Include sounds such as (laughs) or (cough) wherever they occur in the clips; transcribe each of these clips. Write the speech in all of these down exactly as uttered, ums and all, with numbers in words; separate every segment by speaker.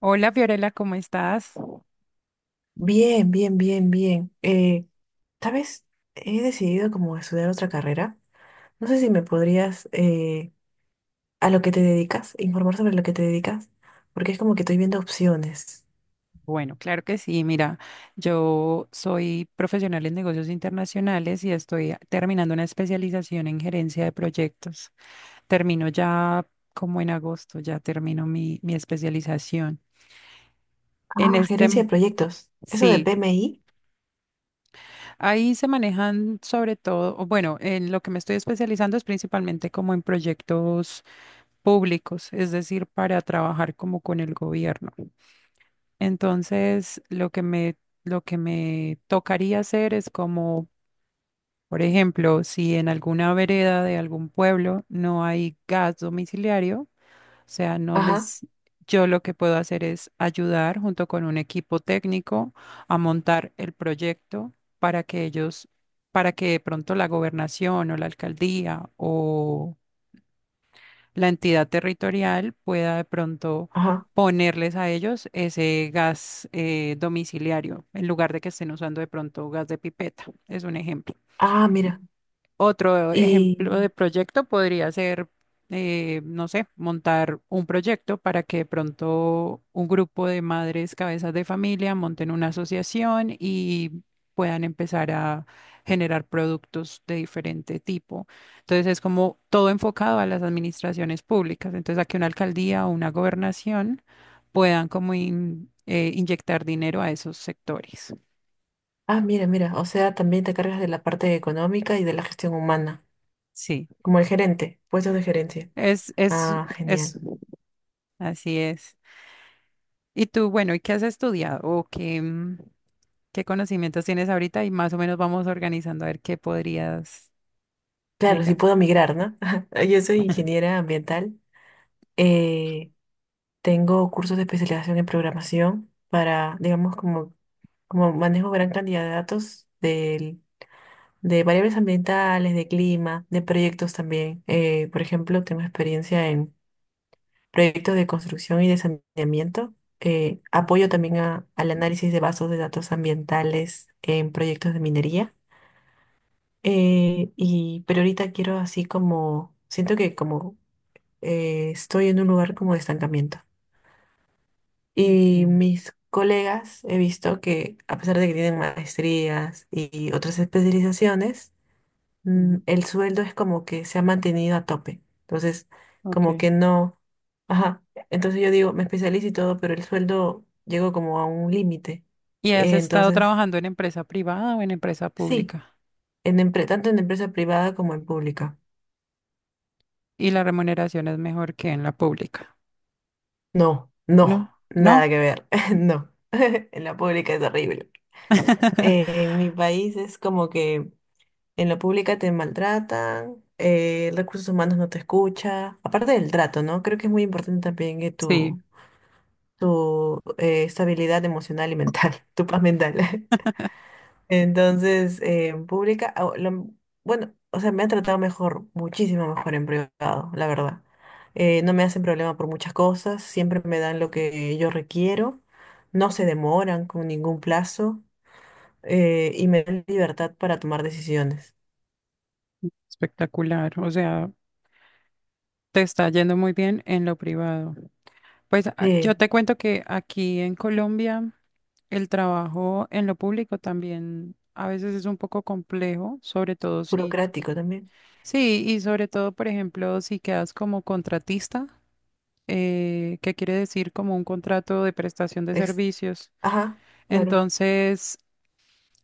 Speaker 1: Hola Fiorella, ¿cómo estás?
Speaker 2: Bien, bien, bien, bien. Eh, ¿sabes? He decidido como estudiar otra carrera. No sé si me podrías, eh, a lo que te dedicas, informar sobre lo que te dedicas, porque es como que estoy viendo opciones.
Speaker 1: Bueno, claro que sí. Mira, yo soy profesional en negocios internacionales y estoy a- terminando una especialización en gerencia de proyectos. Termino ya como en agosto, ya termino mi, mi especialización. En
Speaker 2: Ah,
Speaker 1: este,
Speaker 2: gerencia
Speaker 1: Mm.
Speaker 2: de proyectos. Eso de
Speaker 1: Sí,
Speaker 2: P M I.
Speaker 1: ahí se manejan sobre todo, o bueno, en lo que me estoy especializando es principalmente como en proyectos públicos, es decir, para trabajar como con el gobierno. Entonces, lo que me, lo que me tocaría hacer es como, por ejemplo, si en alguna vereda de algún pueblo no hay gas domiciliario, o sea, no
Speaker 2: Ajá,
Speaker 1: les, yo lo que puedo hacer es ayudar junto con un equipo técnico a montar el proyecto para que ellos, para que de pronto la gobernación o la alcaldía o la entidad territorial pueda de pronto
Speaker 2: ajá.
Speaker 1: ponerles a ellos ese gas eh, domiciliario en lugar de que estén usando de pronto gas de pipeta. Es un ejemplo.
Speaker 2: Ah, mira.
Speaker 1: Otro
Speaker 2: Y,
Speaker 1: ejemplo de proyecto podría ser, eh, no sé, montar un proyecto para que de pronto un grupo de madres cabezas de familia monten una asociación y puedan empezar a generar productos de diferente tipo. Entonces es como todo enfocado a las administraciones públicas. Entonces a que una alcaldía o una gobernación puedan como in- eh, inyectar dinero a esos sectores.
Speaker 2: ah, mira, mira. O sea, también te cargas de la parte económica y de la gestión humana,
Speaker 1: Sí,
Speaker 2: como el gerente, puestos de gerencia.
Speaker 1: es, es,
Speaker 2: Ah, genial.
Speaker 1: es, así es. Y tú, bueno, ¿y qué has estudiado? ¿O qué, mm, qué conocimientos tienes ahorita? Y más o menos vamos organizando a ver qué podrías
Speaker 2: Claro, si
Speaker 1: llegar.
Speaker 2: puedo migrar, ¿no? (laughs) Yo soy ingeniera ambiental. eh, Tengo cursos de especialización en programación para, digamos, como, como manejo gran cantidad de datos del- de variables ambientales, de clima, de proyectos también. Eh, por ejemplo, tengo experiencia en proyectos de construcción y de saneamiento. Eh, apoyo también
Speaker 1: Ujú,
Speaker 2: a- al análisis de bases de datos ambientales en proyectos de minería. Eh, y, pero ahorita quiero así como, siento que como eh, estoy en un lugar como de estancamiento. Y
Speaker 1: okay.
Speaker 2: mis colegas he visto que, a pesar de que tienen maestrías y otras especializaciones, mm,
Speaker 1: Ujú,
Speaker 2: el sueldo es como que se ha mantenido a tope. Entonces, como
Speaker 1: okay.
Speaker 2: que no. Ajá. Entonces yo digo, me especializo y todo, pero el sueldo llegó como a un límite.
Speaker 1: ¿Y has
Speaker 2: Eh,
Speaker 1: estado
Speaker 2: Entonces,
Speaker 1: trabajando en empresa privada o en empresa
Speaker 2: sí,
Speaker 1: pública?
Speaker 2: en empre- tanto en empresa privada como en pública.
Speaker 1: Y la remuneración es mejor que en la pública.
Speaker 2: No, no,
Speaker 1: ¿No?
Speaker 2: nada
Speaker 1: ¿No?
Speaker 2: que ver. (laughs) No, en la pública es horrible. Eh,
Speaker 1: (laughs)
Speaker 2: en mi país es como que en la pública te maltratan. Eh, recursos humanos no te escucha. Aparte del trato, ¿no? Creo que es muy importante también que
Speaker 1: Sí,
Speaker 2: tu, tu eh, estabilidad emocional y mental, (laughs) tu paz mental. (laughs) Entonces, eh, en pública, ah, lo- bueno, o sea, me han tratado mejor, muchísimo mejor en privado, la verdad. Eh, no me hacen problema por muchas cosas, siempre me dan lo que yo requiero, no se demoran con ningún plazo eh, y me dan libertad para tomar decisiones.
Speaker 1: espectacular. O sea, te está yendo muy bien en lo privado. Pues a- yo
Speaker 2: Sí.
Speaker 1: te cuento que aquí en Colombia el trabajo en lo público también a veces es un poco complejo, sobre todo si,
Speaker 2: Burocrático también.
Speaker 1: sí, y sobre todo, por ejemplo, si quedas como contratista, eh, que quiere decir como un contrato de prestación de
Speaker 2: Es,
Speaker 1: servicios.
Speaker 2: ajá, claro.
Speaker 1: Entonces,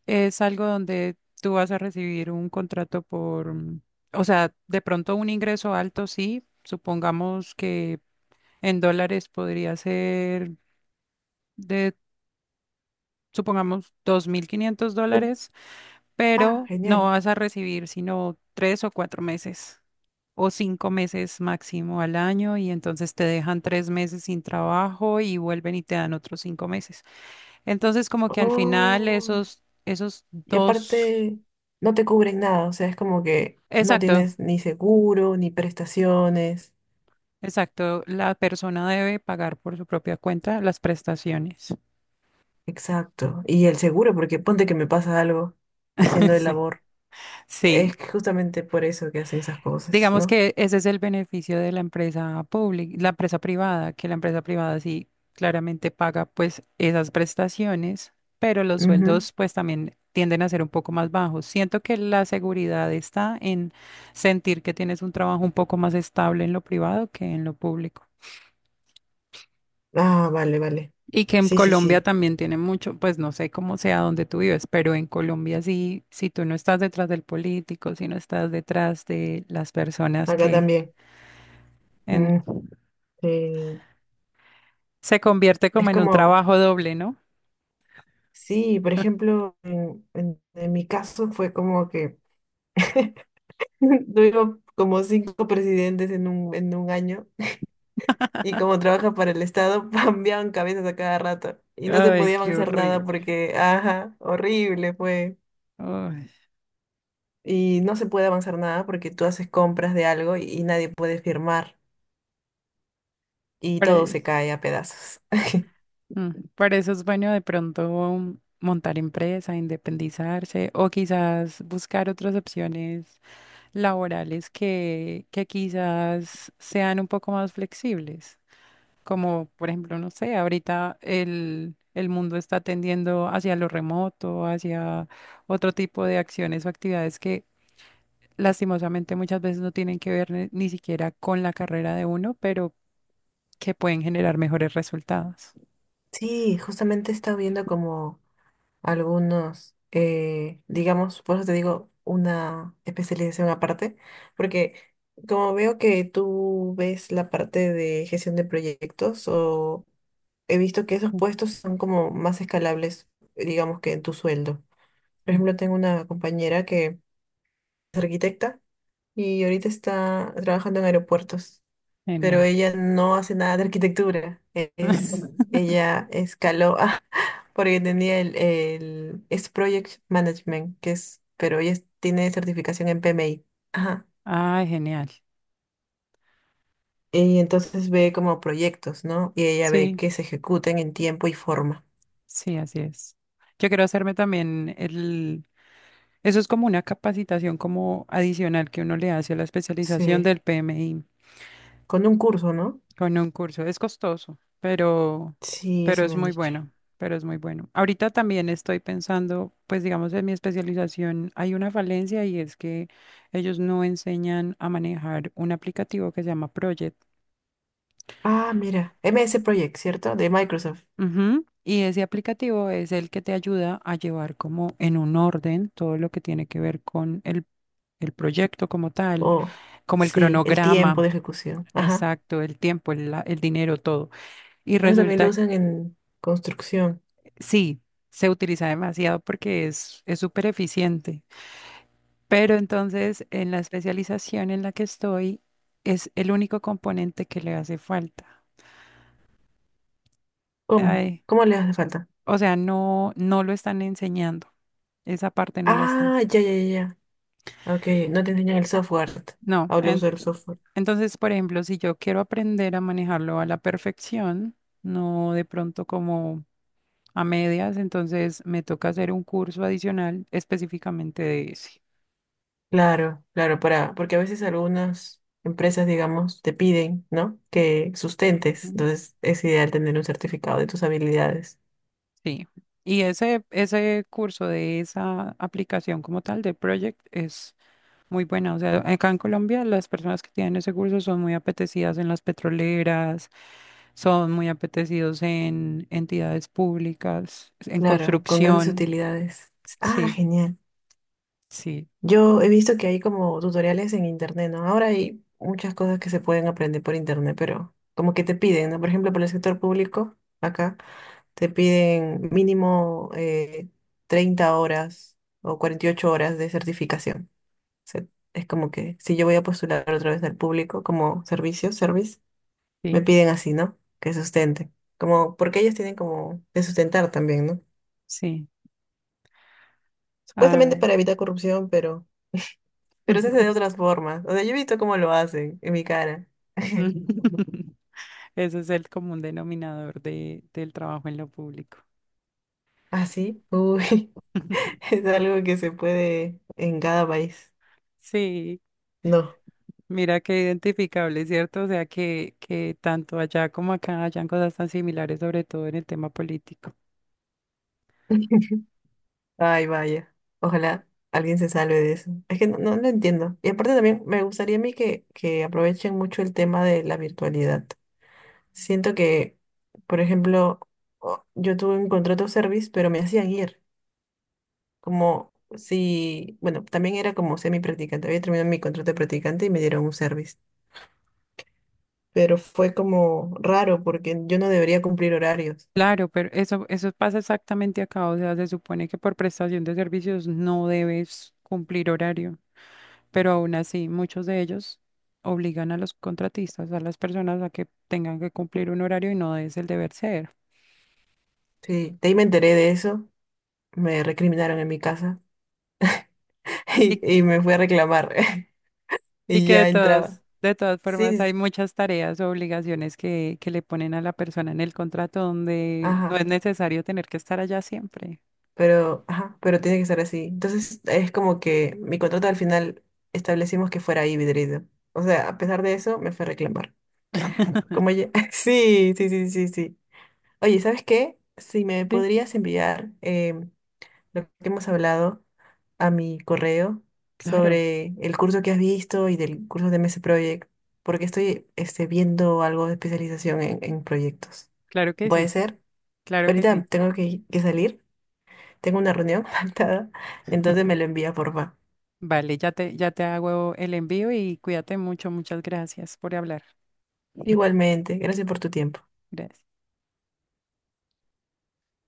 Speaker 1: es algo donde tú vas a recibir un contrato por, mm, o sea, de pronto un ingreso alto, sí, supongamos que en dólares podría ser de, supongamos, dos mil quinientos
Speaker 2: De-
Speaker 1: dólares
Speaker 2: ah,
Speaker 1: pero no
Speaker 2: genial.
Speaker 1: vas a recibir sino tres o cuatro meses o cinco meses máximo al año y entonces te dejan tres meses sin trabajo y vuelven y te dan otros cinco meses. Entonces como que al final
Speaker 2: Oh,
Speaker 1: esos, esos
Speaker 2: y
Speaker 1: dos,
Speaker 2: aparte no te cubren nada, o sea, es como que no
Speaker 1: exacto,
Speaker 2: tienes ni seguro, ni prestaciones.
Speaker 1: exacto, la persona debe pagar por su propia cuenta las prestaciones.
Speaker 2: Exacto. Y el seguro, porque ponte que me pasa algo haciendo
Speaker 1: (laughs)
Speaker 2: el
Speaker 1: Sí,
Speaker 2: labor.
Speaker 1: sí.
Speaker 2: Es que justamente por eso que hacen esas cosas,
Speaker 1: Digamos
Speaker 2: ¿no?
Speaker 1: que ese es el beneficio de la empresa pública, la empresa privada, que la empresa privada sí claramente paga pues esas prestaciones, pero los
Speaker 2: Ujú.
Speaker 1: sueldos pues también tienden a ser un poco más bajos. Siento que la seguridad está en sentir que tienes un trabajo un poco más estable en lo privado que en lo público.
Speaker 2: Ah, vale, vale.
Speaker 1: Y que en
Speaker 2: Sí, sí,
Speaker 1: Colombia
Speaker 2: sí.
Speaker 1: también tiene mucho, pues no sé cómo sea donde tú vives, pero en Colombia sí, si tú no estás detrás del político, si no estás detrás de las personas
Speaker 2: Acá
Speaker 1: que
Speaker 2: también.
Speaker 1: en
Speaker 2: Mm, sí.
Speaker 1: se convierte como
Speaker 2: Es
Speaker 1: en un
Speaker 2: como...
Speaker 1: trabajo doble, ¿no?
Speaker 2: Sí, por ejemplo, en, en- en mi caso fue como que (laughs) tuvimos como cinco presidentes en un, en un año y como trabaja para el Estado, (laughs) cambiaban cabezas a cada rato y no se
Speaker 1: Ay,
Speaker 2: podía
Speaker 1: qué
Speaker 2: avanzar nada
Speaker 1: horrible.
Speaker 2: porque, ajá, horrible fue.
Speaker 1: Ay,
Speaker 2: Y no se puede avanzar nada porque tú haces compras de algo y, y nadie puede firmar y
Speaker 1: para,
Speaker 2: todo se cae a pedazos. (laughs)
Speaker 1: mm, para eso es bueno de pronto um, montar empresa, independizarse o quizás buscar otras opciones laborales que, que quizás sean un poco más flexibles. Como por ejemplo, no sé, ahorita el, el mundo está tendiendo hacia lo remoto, hacia otro tipo de acciones o actividades que lastimosamente muchas veces no tienen que ver ni, ni siquiera con la carrera de uno, pero que pueden generar mejores resultados.
Speaker 2: Sí, justamente he estado viendo como... algunos, eh, digamos, por eso te digo, una especialización aparte, porque como veo que tú ves la parte de gestión de proyectos, o he visto que esos
Speaker 1: Sí,
Speaker 2: puestos son como más escalables, digamos, que en tu sueldo. Por ejemplo, tengo una compañera que es arquitecta y ahorita está trabajando en aeropuertos, pero
Speaker 1: genial.
Speaker 2: ella no hace nada de arquitectura. e- Es,
Speaker 1: (laughs)
Speaker 2: ella escaló (laughs) ah, porque tenía el, el es Project Management, que es, pero ella es- tiene certificación en P M I. Ajá.
Speaker 1: Ay, genial.
Speaker 2: Y entonces ve como proyectos, ¿no? Y ella ve
Speaker 1: Sí,
Speaker 2: que se ejecuten en tiempo y forma.
Speaker 1: sí, así es. Yo quiero hacerme también el... Eso es como una capacitación como adicional que uno le hace a la especialización
Speaker 2: Sí.
Speaker 1: del P M I.
Speaker 2: Con un curso, ¿no?
Speaker 1: Con un curso. Es costoso, pero,
Speaker 2: Sí,
Speaker 1: pero
Speaker 2: eso
Speaker 1: es
Speaker 2: me han
Speaker 1: muy
Speaker 2: dicho.
Speaker 1: bueno, pero es muy bueno. Ahorita también estoy pensando, pues digamos, en mi especialización hay una falencia y es que ellos no enseñan a manejar un aplicativo que se llama Project.
Speaker 2: Ah, mira, M S Project, ¿cierto? De Microsoft.
Speaker 1: Ujú. Y ese aplicativo es el que te ayuda a llevar como en un orden todo lo que tiene que ver con el, el proyecto como tal,
Speaker 2: Oh,
Speaker 1: como el
Speaker 2: sí, el tiempo de
Speaker 1: cronograma,
Speaker 2: ejecución. Ajá.
Speaker 1: exacto, el tiempo, el, la- el dinero, todo. Y
Speaker 2: Eso también lo
Speaker 1: resulta
Speaker 2: usan en construcción.
Speaker 1: sí, se utiliza demasiado porque es es súper eficiente. Pero entonces, en la especialización en la que estoy, es el único componente que le hace falta.
Speaker 2: ¿Cómo?
Speaker 1: Ay,
Speaker 2: ¿Cómo le hace falta?
Speaker 1: o sea, no, no lo están enseñando. Esa parte no la están
Speaker 2: Ah,
Speaker 1: enseñando.
Speaker 2: ya, ya, ya. Ya. Ok, no te enseñan el software.
Speaker 1: No,
Speaker 2: Habla
Speaker 1: en-
Speaker 2: usar el software.
Speaker 1: Entonces, por ejemplo, si yo quiero aprender a manejarlo a la perfección, no de pronto como a medias, entonces me toca hacer un curso adicional específicamente de ese.
Speaker 2: Claro, claro, para, porque a veces algunas empresas, digamos, te piden, ¿no? Que sustentes.
Speaker 1: ¿No?
Speaker 2: Entonces es ideal tener un certificado de tus habilidades.
Speaker 1: Sí. Y ese, ese curso de esa aplicación como tal, de Project, es muy buena. O sea, acá en Colombia las personas que tienen ese curso son muy apetecidas en las petroleras, son muy apetecidos en entidades públicas, en
Speaker 2: Claro, con grandes
Speaker 1: construcción.
Speaker 2: utilidades. Ah,
Speaker 1: Sí,
Speaker 2: genial.
Speaker 1: sí,
Speaker 2: Yo he visto que hay como tutoriales en internet, ¿no? Ahora hay muchas cosas que se pueden aprender por internet, pero como que te piden, ¿no? Por ejemplo, para el sector público. Acá te piden mínimo eh, treinta horas o cuarenta y ocho horas de certificación. O sea, es como que si yo voy a postular otra vez al público como servicio, service, me
Speaker 1: sí,
Speaker 2: piden así, ¿no? Que sustenten. Como, porque ellos tienen como que sustentar también, ¿no?
Speaker 1: sí.
Speaker 2: Supuestamente
Speaker 1: Ay.
Speaker 2: para evitar corrupción, pero, pero se hace de
Speaker 1: (laughs)
Speaker 2: otras formas. O sea, yo he visto cómo lo hacen en mi cara. (laughs)
Speaker 1: (laughs) Ese es el común denominador de, del trabajo en lo público.
Speaker 2: Así, uy, (laughs)
Speaker 1: (laughs)
Speaker 2: es algo que se puede en cada país.
Speaker 1: Sí.
Speaker 2: No.
Speaker 1: Mira qué identificable, ¿cierto? O sea, que, que tanto allá como acá hayan cosas tan similares, sobre todo en el tema político.
Speaker 2: (laughs) Ay, vaya. Ojalá alguien se salve de eso. Es que no, no lo entiendo. Y aparte también me gustaría a mí que, que aprovechen mucho el tema de la virtualidad. Siento que, por ejemplo, o- yo tuve un contrato service, pero me hacían ir. Como si, bueno, también era como semi-practicante. Había terminado mi contrato de practicante y me dieron un service. Pero fue como raro porque yo no debería cumplir horarios.
Speaker 1: Claro, pero eso, eso pasa exactamente acá. O sea, se supone que por prestación de servicios no debes cumplir horario, pero aún así muchos de ellos obligan a los contratistas, a las personas a que tengan que cumplir un horario y no es el deber ser.
Speaker 2: Sí, de ahí me enteré de eso. Me recriminaron en mi casa (laughs)
Speaker 1: Y
Speaker 2: y, y me fui a reclamar. (laughs)
Speaker 1: y
Speaker 2: Y
Speaker 1: que de
Speaker 2: ya entraba.
Speaker 1: todas, de todas
Speaker 2: Sí,
Speaker 1: formas
Speaker 2: sí,
Speaker 1: hay
Speaker 2: sí.
Speaker 1: muchas tareas o obligaciones que, que le ponen a la persona en el contrato donde no
Speaker 2: Ajá,
Speaker 1: es necesario tener que estar allá siempre.
Speaker 2: pero, ajá, pero tiene que ser así. Entonces es como que mi contrato al final establecimos que fuera híbrido. O sea, a pesar de eso, me fue a reclamar. Como ya. (laughs) Sí, sí, sí, sí, sí. Oye, ¿sabes qué? Si me
Speaker 1: Sí,
Speaker 2: podrías enviar em, lo que hemos hablado a mi correo
Speaker 1: claro,
Speaker 2: sobre el curso que has visto y del curso de M S Project, porque estoy este, viendo algo de especialización en, en proyectos.
Speaker 1: claro que
Speaker 2: ¿Puede
Speaker 1: sí,
Speaker 2: ser?
Speaker 1: claro que
Speaker 2: Ahorita
Speaker 1: sí.
Speaker 2: tengo que que salir. Tengo una reunión (laughs) faltada, entonces me lo envía, porfa.
Speaker 1: Vale, ya te, ya te hago el envío y cuídate mucho, muchas gracias por hablar.
Speaker 2: Igualmente, gracias por tu tiempo.
Speaker 1: Gracias.